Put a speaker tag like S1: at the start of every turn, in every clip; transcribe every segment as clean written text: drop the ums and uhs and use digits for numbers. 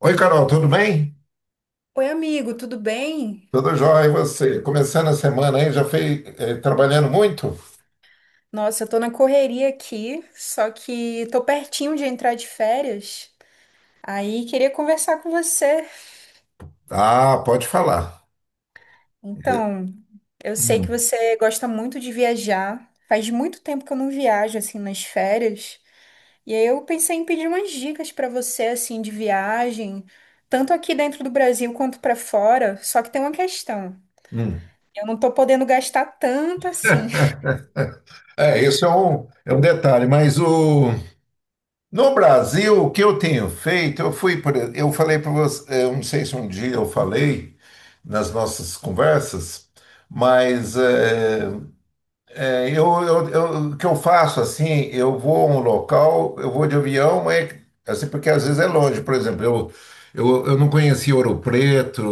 S1: Oi, Carol, tudo bem?
S2: Oi, amigo, tudo bem?
S1: Tudo jóia, e você? Começando a semana aí, já foi trabalhando muito?
S2: Nossa, eu tô na correria aqui, só que tô pertinho de entrar de férias. Aí queria conversar com você.
S1: Ah, pode falar. Eh,
S2: Então, eu sei que
S1: hum,
S2: você gosta muito de viajar. Faz muito tempo que eu não viajo assim nas férias. E aí eu pensei em pedir umas dicas pra você assim de viagem, tanto aqui dentro do Brasil quanto pra fora. Só que tem uma questão.
S1: hum.
S2: Eu não tô podendo gastar tanto assim.
S1: É, isso é um detalhe, mas no Brasil, o que eu tenho feito, eu fui, por, ex- eu falei para você, eu não sei se um dia eu falei nas nossas conversas, mas É, o que eu faço assim, eu vou a um local, eu vou de avião, mas assim, porque às vezes é longe. Por exemplo, eu não conhecia Ouro Preto,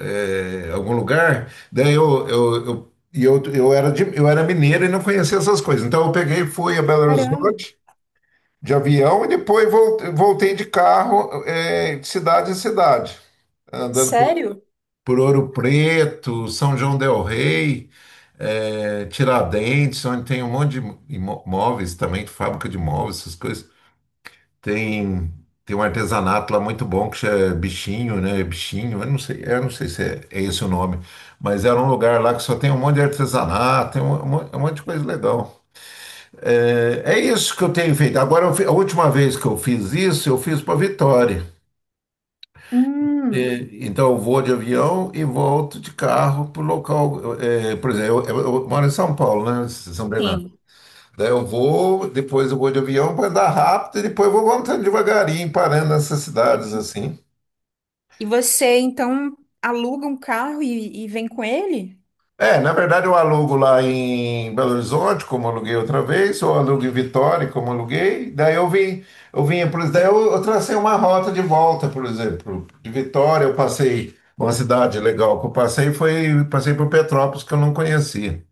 S1: é, algum lugar, daí eu, e eu, eu, era de- eu era mineiro e não conhecia essas coisas. Então eu peguei, e fui a Belo
S2: Caramba,
S1: Horizonte de avião e depois voltei de carro, é, de cidade em cidade, andando
S2: sério?
S1: por Ouro Preto, São João del Rei, Tiradentes, onde tem um monte de imóveis também, fábrica de imóveis, essas coisas. Tem, tem um artesanato lá muito bom que chama Bichinho, né? Bichinho, eu não sei se é, é esse o nome, mas era um lugar lá que só tem um monte de artesanato, tem um monte de coisa legal. É, isso que eu tenho feito. Agora, a última vez que eu fiz isso, eu fiz para Vitória.
S2: Hum,
S1: E, então, eu vou de avião e volto de carro para o local. Por exemplo, eu moro em São Paulo, né? Em São Bernardo.
S2: sim.
S1: Daí eu vou, depois eu vou de avião para andar rápido e depois eu vou voltando devagarinho, parando nessas cidades assim.
S2: E você então aluga um carro e, vem com ele?
S1: É, na verdade eu alugo lá em Belo Horizonte, como aluguei outra vez, ou alugo em Vitória, como aluguei. Eu vinha, por exemplo, eu tracei uma rota de volta, por exemplo, de Vitória uma cidade legal que eu passei foi, passei por Petrópolis que eu não conhecia.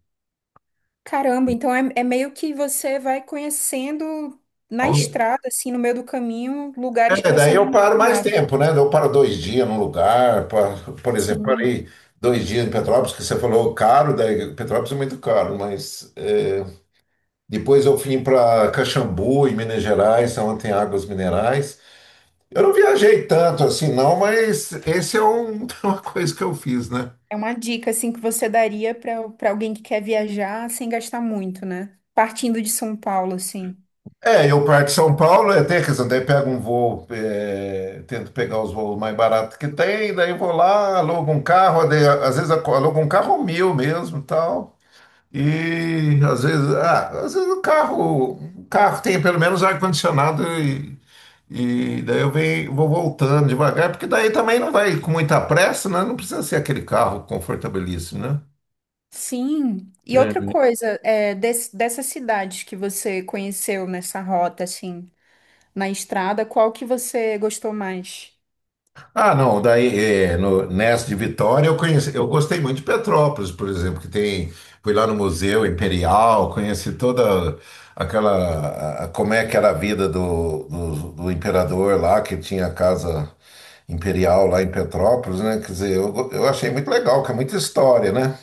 S2: Caramba, então é, é meio que você vai conhecendo na estrada, assim, no meio do caminho, lugares que
S1: É, daí
S2: você não
S1: eu paro mais
S2: imaginava.
S1: tempo, né? Eu paro dois dias num lugar, por exemplo,
S2: Sim,
S1: parei dois dias em Petrópolis, que você falou caro, daí Petrópolis é muito caro, mas é, depois eu vim para Caxambu, em Minas Gerais, onde tem águas minerais. Eu não viajei tanto assim, não, mas esse é um- uma coisa que eu fiz, né?
S2: é uma dica assim que você daria para alguém que quer viajar sem gastar muito, né? Partindo de São Paulo, assim.
S1: É, eu parto de São Paulo, é, tem, quer dizer, daí pego um voo, é, tento pegar os voos mais baratos que tem, daí vou lá, alugo um carro, daí, alugo um carro meu mesmo, tal. E às vezes, ah, às vezes o carro tem pelo menos ar-condicionado e daí eu venho, vou voltando devagar, porque daí também não vai com muita pressa, né? Não precisa ser aquele carro confortabilíssimo,
S2: Sim. E
S1: né?
S2: outra coisa, é, dessas cidades que você conheceu nessa rota, assim, na estrada, qual que você gostou mais?
S1: Ah, não, daí é, no, nessa de Vitória eu conheci, eu gostei muito de Petrópolis, por exemplo, que tem, fui lá no Museu Imperial, conheci toda como é que era a vida do imperador lá, que tinha a casa imperial lá em Petrópolis, né? Quer dizer, eu achei muito legal, que é muita história, né?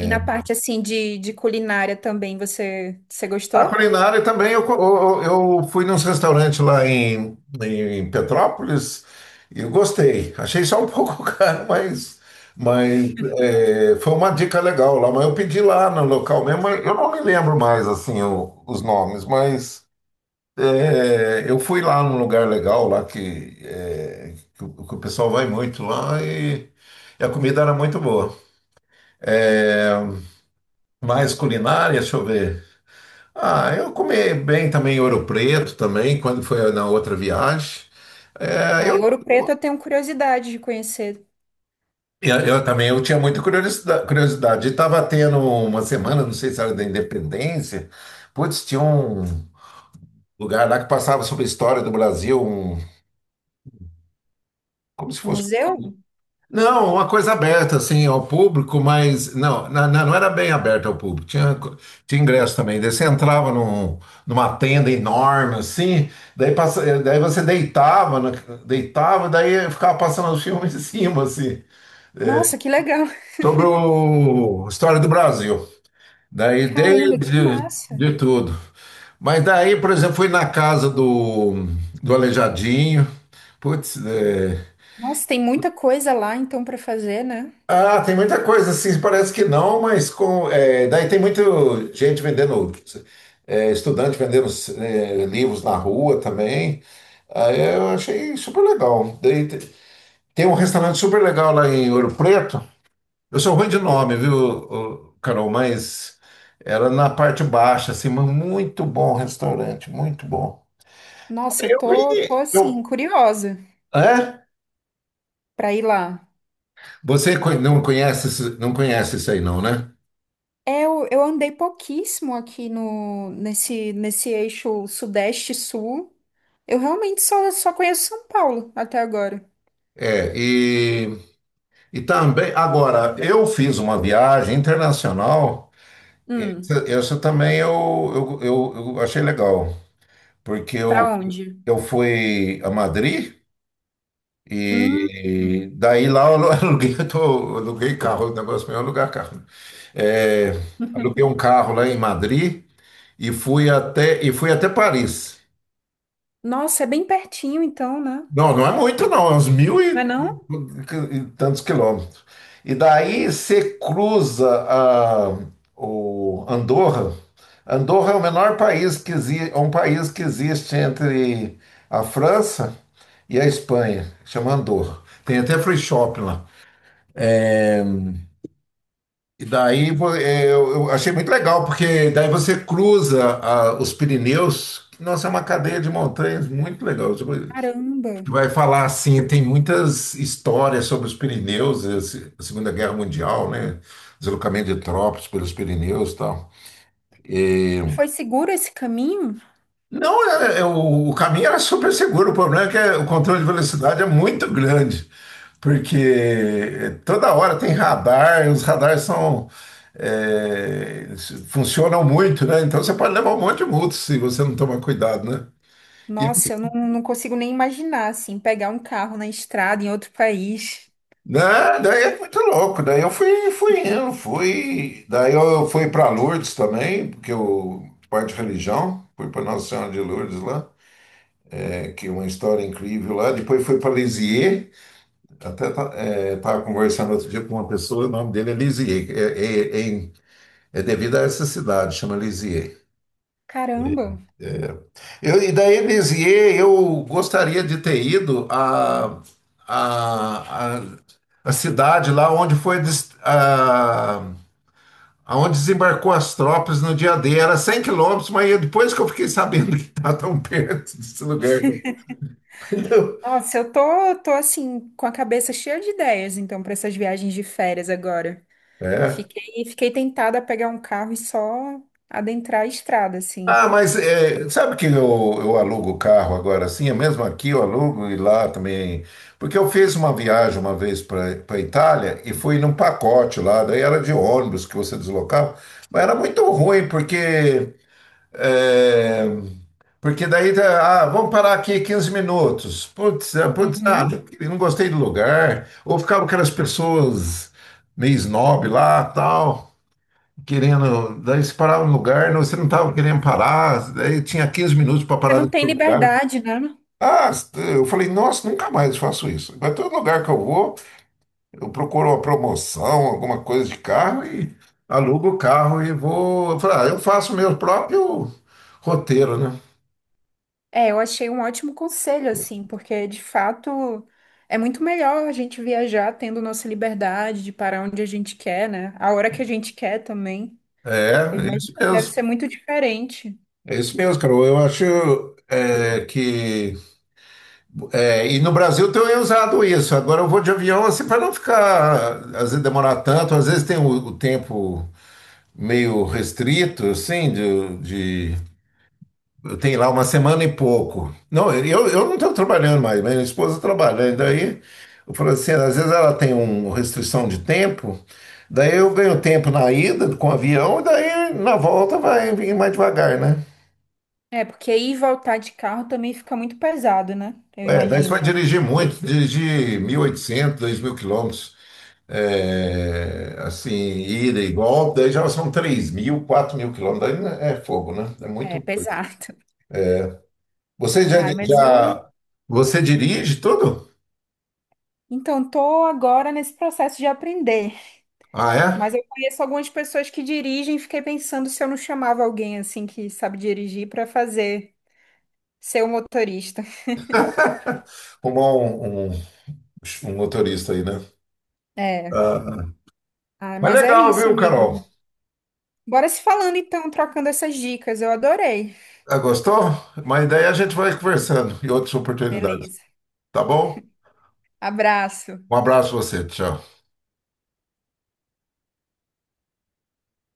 S2: E na parte assim de culinária também, você, você
S1: A
S2: gostou?
S1: culinária também, eu fui num restaurante lá em, em Petrópolis e eu gostei. Achei só um pouco caro, mas é, foi uma dica legal lá. Mas eu pedi lá no local mesmo, mas eu não me lembro mais assim os nomes, mas é, eu fui lá num lugar legal lá o que o pessoal vai muito lá e a comida era muito boa. É, mais culinária, deixa eu ver. Ah, eu comi bem também ouro preto também, quando foi na outra viagem. É,
S2: Ah, em
S1: eu,
S2: Ouro Preto eu tenho curiosidade de conhecer
S1: eu também eu tinha muita curiosidade. Estava tendo uma semana, não sei se era da Independência, putz, tinha um lugar lá que passava sobre a história do Brasil, um, como se
S2: o
S1: fosse
S2: museu.
S1: Não, uma coisa aberta assim ao público, mas não, não era bem aberta ao público. Tinha ingresso também. Daí você entrava numa tenda enorme assim, daí, daí você deitava, deitava, daí ficava passando os filmes em cima assim,
S2: Nossa, que legal!
S1: sobre o a história do Brasil. Daí
S2: Caramba, que
S1: desde
S2: massa!
S1: de tudo. Mas daí, por exemplo, fui na casa do Aleijadinho. Putz, é,
S2: Nossa, tem muita coisa lá então para fazer, né?
S1: Ah, tem muita coisa, assim, parece que não, mas com, é, daí tem muita gente vendendo, é, estudante vendendo é, livros na rua também. Aí eu achei super legal. Tem um restaurante super legal lá em Ouro Preto. Eu sou ruim de nome, viu, ô, Carol? Mas era na parte baixa, assim, mas muito bom restaurante, muito bom.
S2: Nossa, eu
S1: Eu
S2: tô, tô
S1: vi.
S2: assim
S1: Eu,
S2: curiosa
S1: é?
S2: para ir lá.
S1: Não conhece, não conhece isso aí, não, né?
S2: É, eu andei pouquíssimo aqui no nesse eixo sudeste-sul. Eu realmente só, só conheço São Paulo até agora.
S1: É, e E também, agora, eu fiz uma viagem internacional,
S2: Hum,
S1: essa também eu achei legal, porque
S2: para onde?
S1: eu fui a Madrid
S2: Hum.
S1: e daí lá aluguei, eu aluguei carro, o negócio meu é alugar carro. É, aluguei um carro lá em Madrid e e fui até Paris.
S2: Nossa, é bem pertinho então, né?
S1: Não, não é muito, não. É uns mil
S2: Não é não?
S1: e tantos quilômetros. E daí você cruza o Andorra. Andorra é o menor país que existe, é um país que existe entre a França e a Espanha. Chama Andorra. Tem até free shop lá. E daí pô, eu achei muito legal, porque daí você cruza ah, os Pirineus. Nossa, é uma cadeia de montanhas muito legal. Tipo,
S2: Caramba.
S1: que vai falar assim, tem muitas histórias sobre os Pirineus, a se- a Segunda Guerra Mundial, né? Deslocamento de tropas pelos Pirineus e tal. E,
S2: E foi seguro esse caminho?
S1: não, o caminho era super seguro, o problema é que o controle de velocidade é muito grande, porque é, toda hora tem radar, e os radares são, é, funcionam muito, né? Então você pode levar um monte de multa se você não tomar cuidado, né?
S2: Nossa, eu não, não consigo nem imaginar, assim, pegar um carro na estrada em outro país.
S1: Né? Daí é muito louco. Daí eu fui, fui indo, fui. Daí eu fui para Lourdes também, porque eu, parte de religião, fui para Nossa Senhora de Lourdes lá, é, que é uma história incrível lá. Depois fui para Lisieux, até estava conversando outro dia com uma pessoa, o nome dele é Lisieux, é devido a essa cidade, chama Lisieux.
S2: Caramba.
S1: Eu, e daí Lisieux, eu gostaria de ter ido a, a, a cidade lá onde foi. A, aonde desembarcou as tropas no dia D. Era 100 km, mas depois que eu fiquei sabendo que está tão perto desse lugar. Né?
S2: Nossa, eu tô, tô assim, com a cabeça cheia de ideias, então, para essas viagens de férias agora.
S1: É.
S2: Fiquei, fiquei tentada a pegar um carro e só adentrar a estrada, assim.
S1: Ah, mas é, sabe que eu alugo o carro agora assim? É mesmo aqui eu alugo e lá também. Porque eu fiz uma viagem uma vez para a Itália e fui num pacote lá, daí era de ônibus que você deslocava, mas era muito ruim, porque É, porque daí, tá, ah, vamos parar aqui 15 minutos. Putz, ah,
S2: Uhum.
S1: não não gostei do lugar. Ou ficavam aquelas pessoas meio snob lá, tal, querendo. Daí você parava no lugar, não, você não estava querendo parar. Daí tinha 15 minutos para
S2: Você
S1: parar
S2: não
S1: no
S2: tem
S1: seu lugar.
S2: liberdade, né?
S1: Ah, eu falei, nossa, nunca mais faço isso. Mas todo lugar que eu vou, eu procuro uma promoção, alguma coisa de carro e alugo o carro e vou. Eu falei, ah, eu faço meu próprio roteiro, né?
S2: É, eu achei um ótimo conselho, assim, porque de fato é muito melhor a gente viajar tendo nossa liberdade de parar onde a gente quer, né? A hora que a gente quer também. Eu
S1: É, é
S2: imagino
S1: isso
S2: que deve ser
S1: mesmo.
S2: muito diferente.
S1: É isso mesmo, Carol. Eu acho é, que. É, e no Brasil tem usado isso. Agora eu vou de avião assim para não ficar, às vezes demorar tanto, às vezes tem o tempo meio restrito, assim, Eu tenho lá uma semana e pouco. Não, eu não estou trabalhando mais, minha esposa trabalha. E daí eu falo assim, às vezes ela tem uma restrição de tempo. Daí eu ganho tempo na ida com o avião, e daí na volta vai vir mais devagar, né?
S2: É, porque ir e voltar de carro também fica muito pesado, né? Eu
S1: É, daí você vai
S2: imagino.
S1: dirigir muito, dirigir 1.800, 2.000 km, é, assim, ida e volta, daí já são 3.000, 4.000 km, daí né, é fogo, né? É muito
S2: É,
S1: coisa.
S2: pesado.
S1: Você já,
S2: Ai, mas eu.
S1: já- você dirige tudo?
S2: Então, tô agora nesse processo de aprender.
S1: Ah, é?
S2: Mas eu conheço algumas pessoas que dirigem e fiquei pensando se eu não chamava alguém, assim, que sabe dirigir para fazer ser o motorista.
S1: Arrumar um motorista aí, né?
S2: É.
S1: Ah,
S2: Ah,
S1: mas
S2: mas é
S1: legal,
S2: isso,
S1: viu, Carol?
S2: amigo. Bora se falando então, trocando essas dicas. Eu adorei.
S1: Ah, gostou? Mas daí a gente vai conversando em outras oportunidades,
S2: Beleza.
S1: tá bom?
S2: Abraço.
S1: Um abraço pra você, tchau.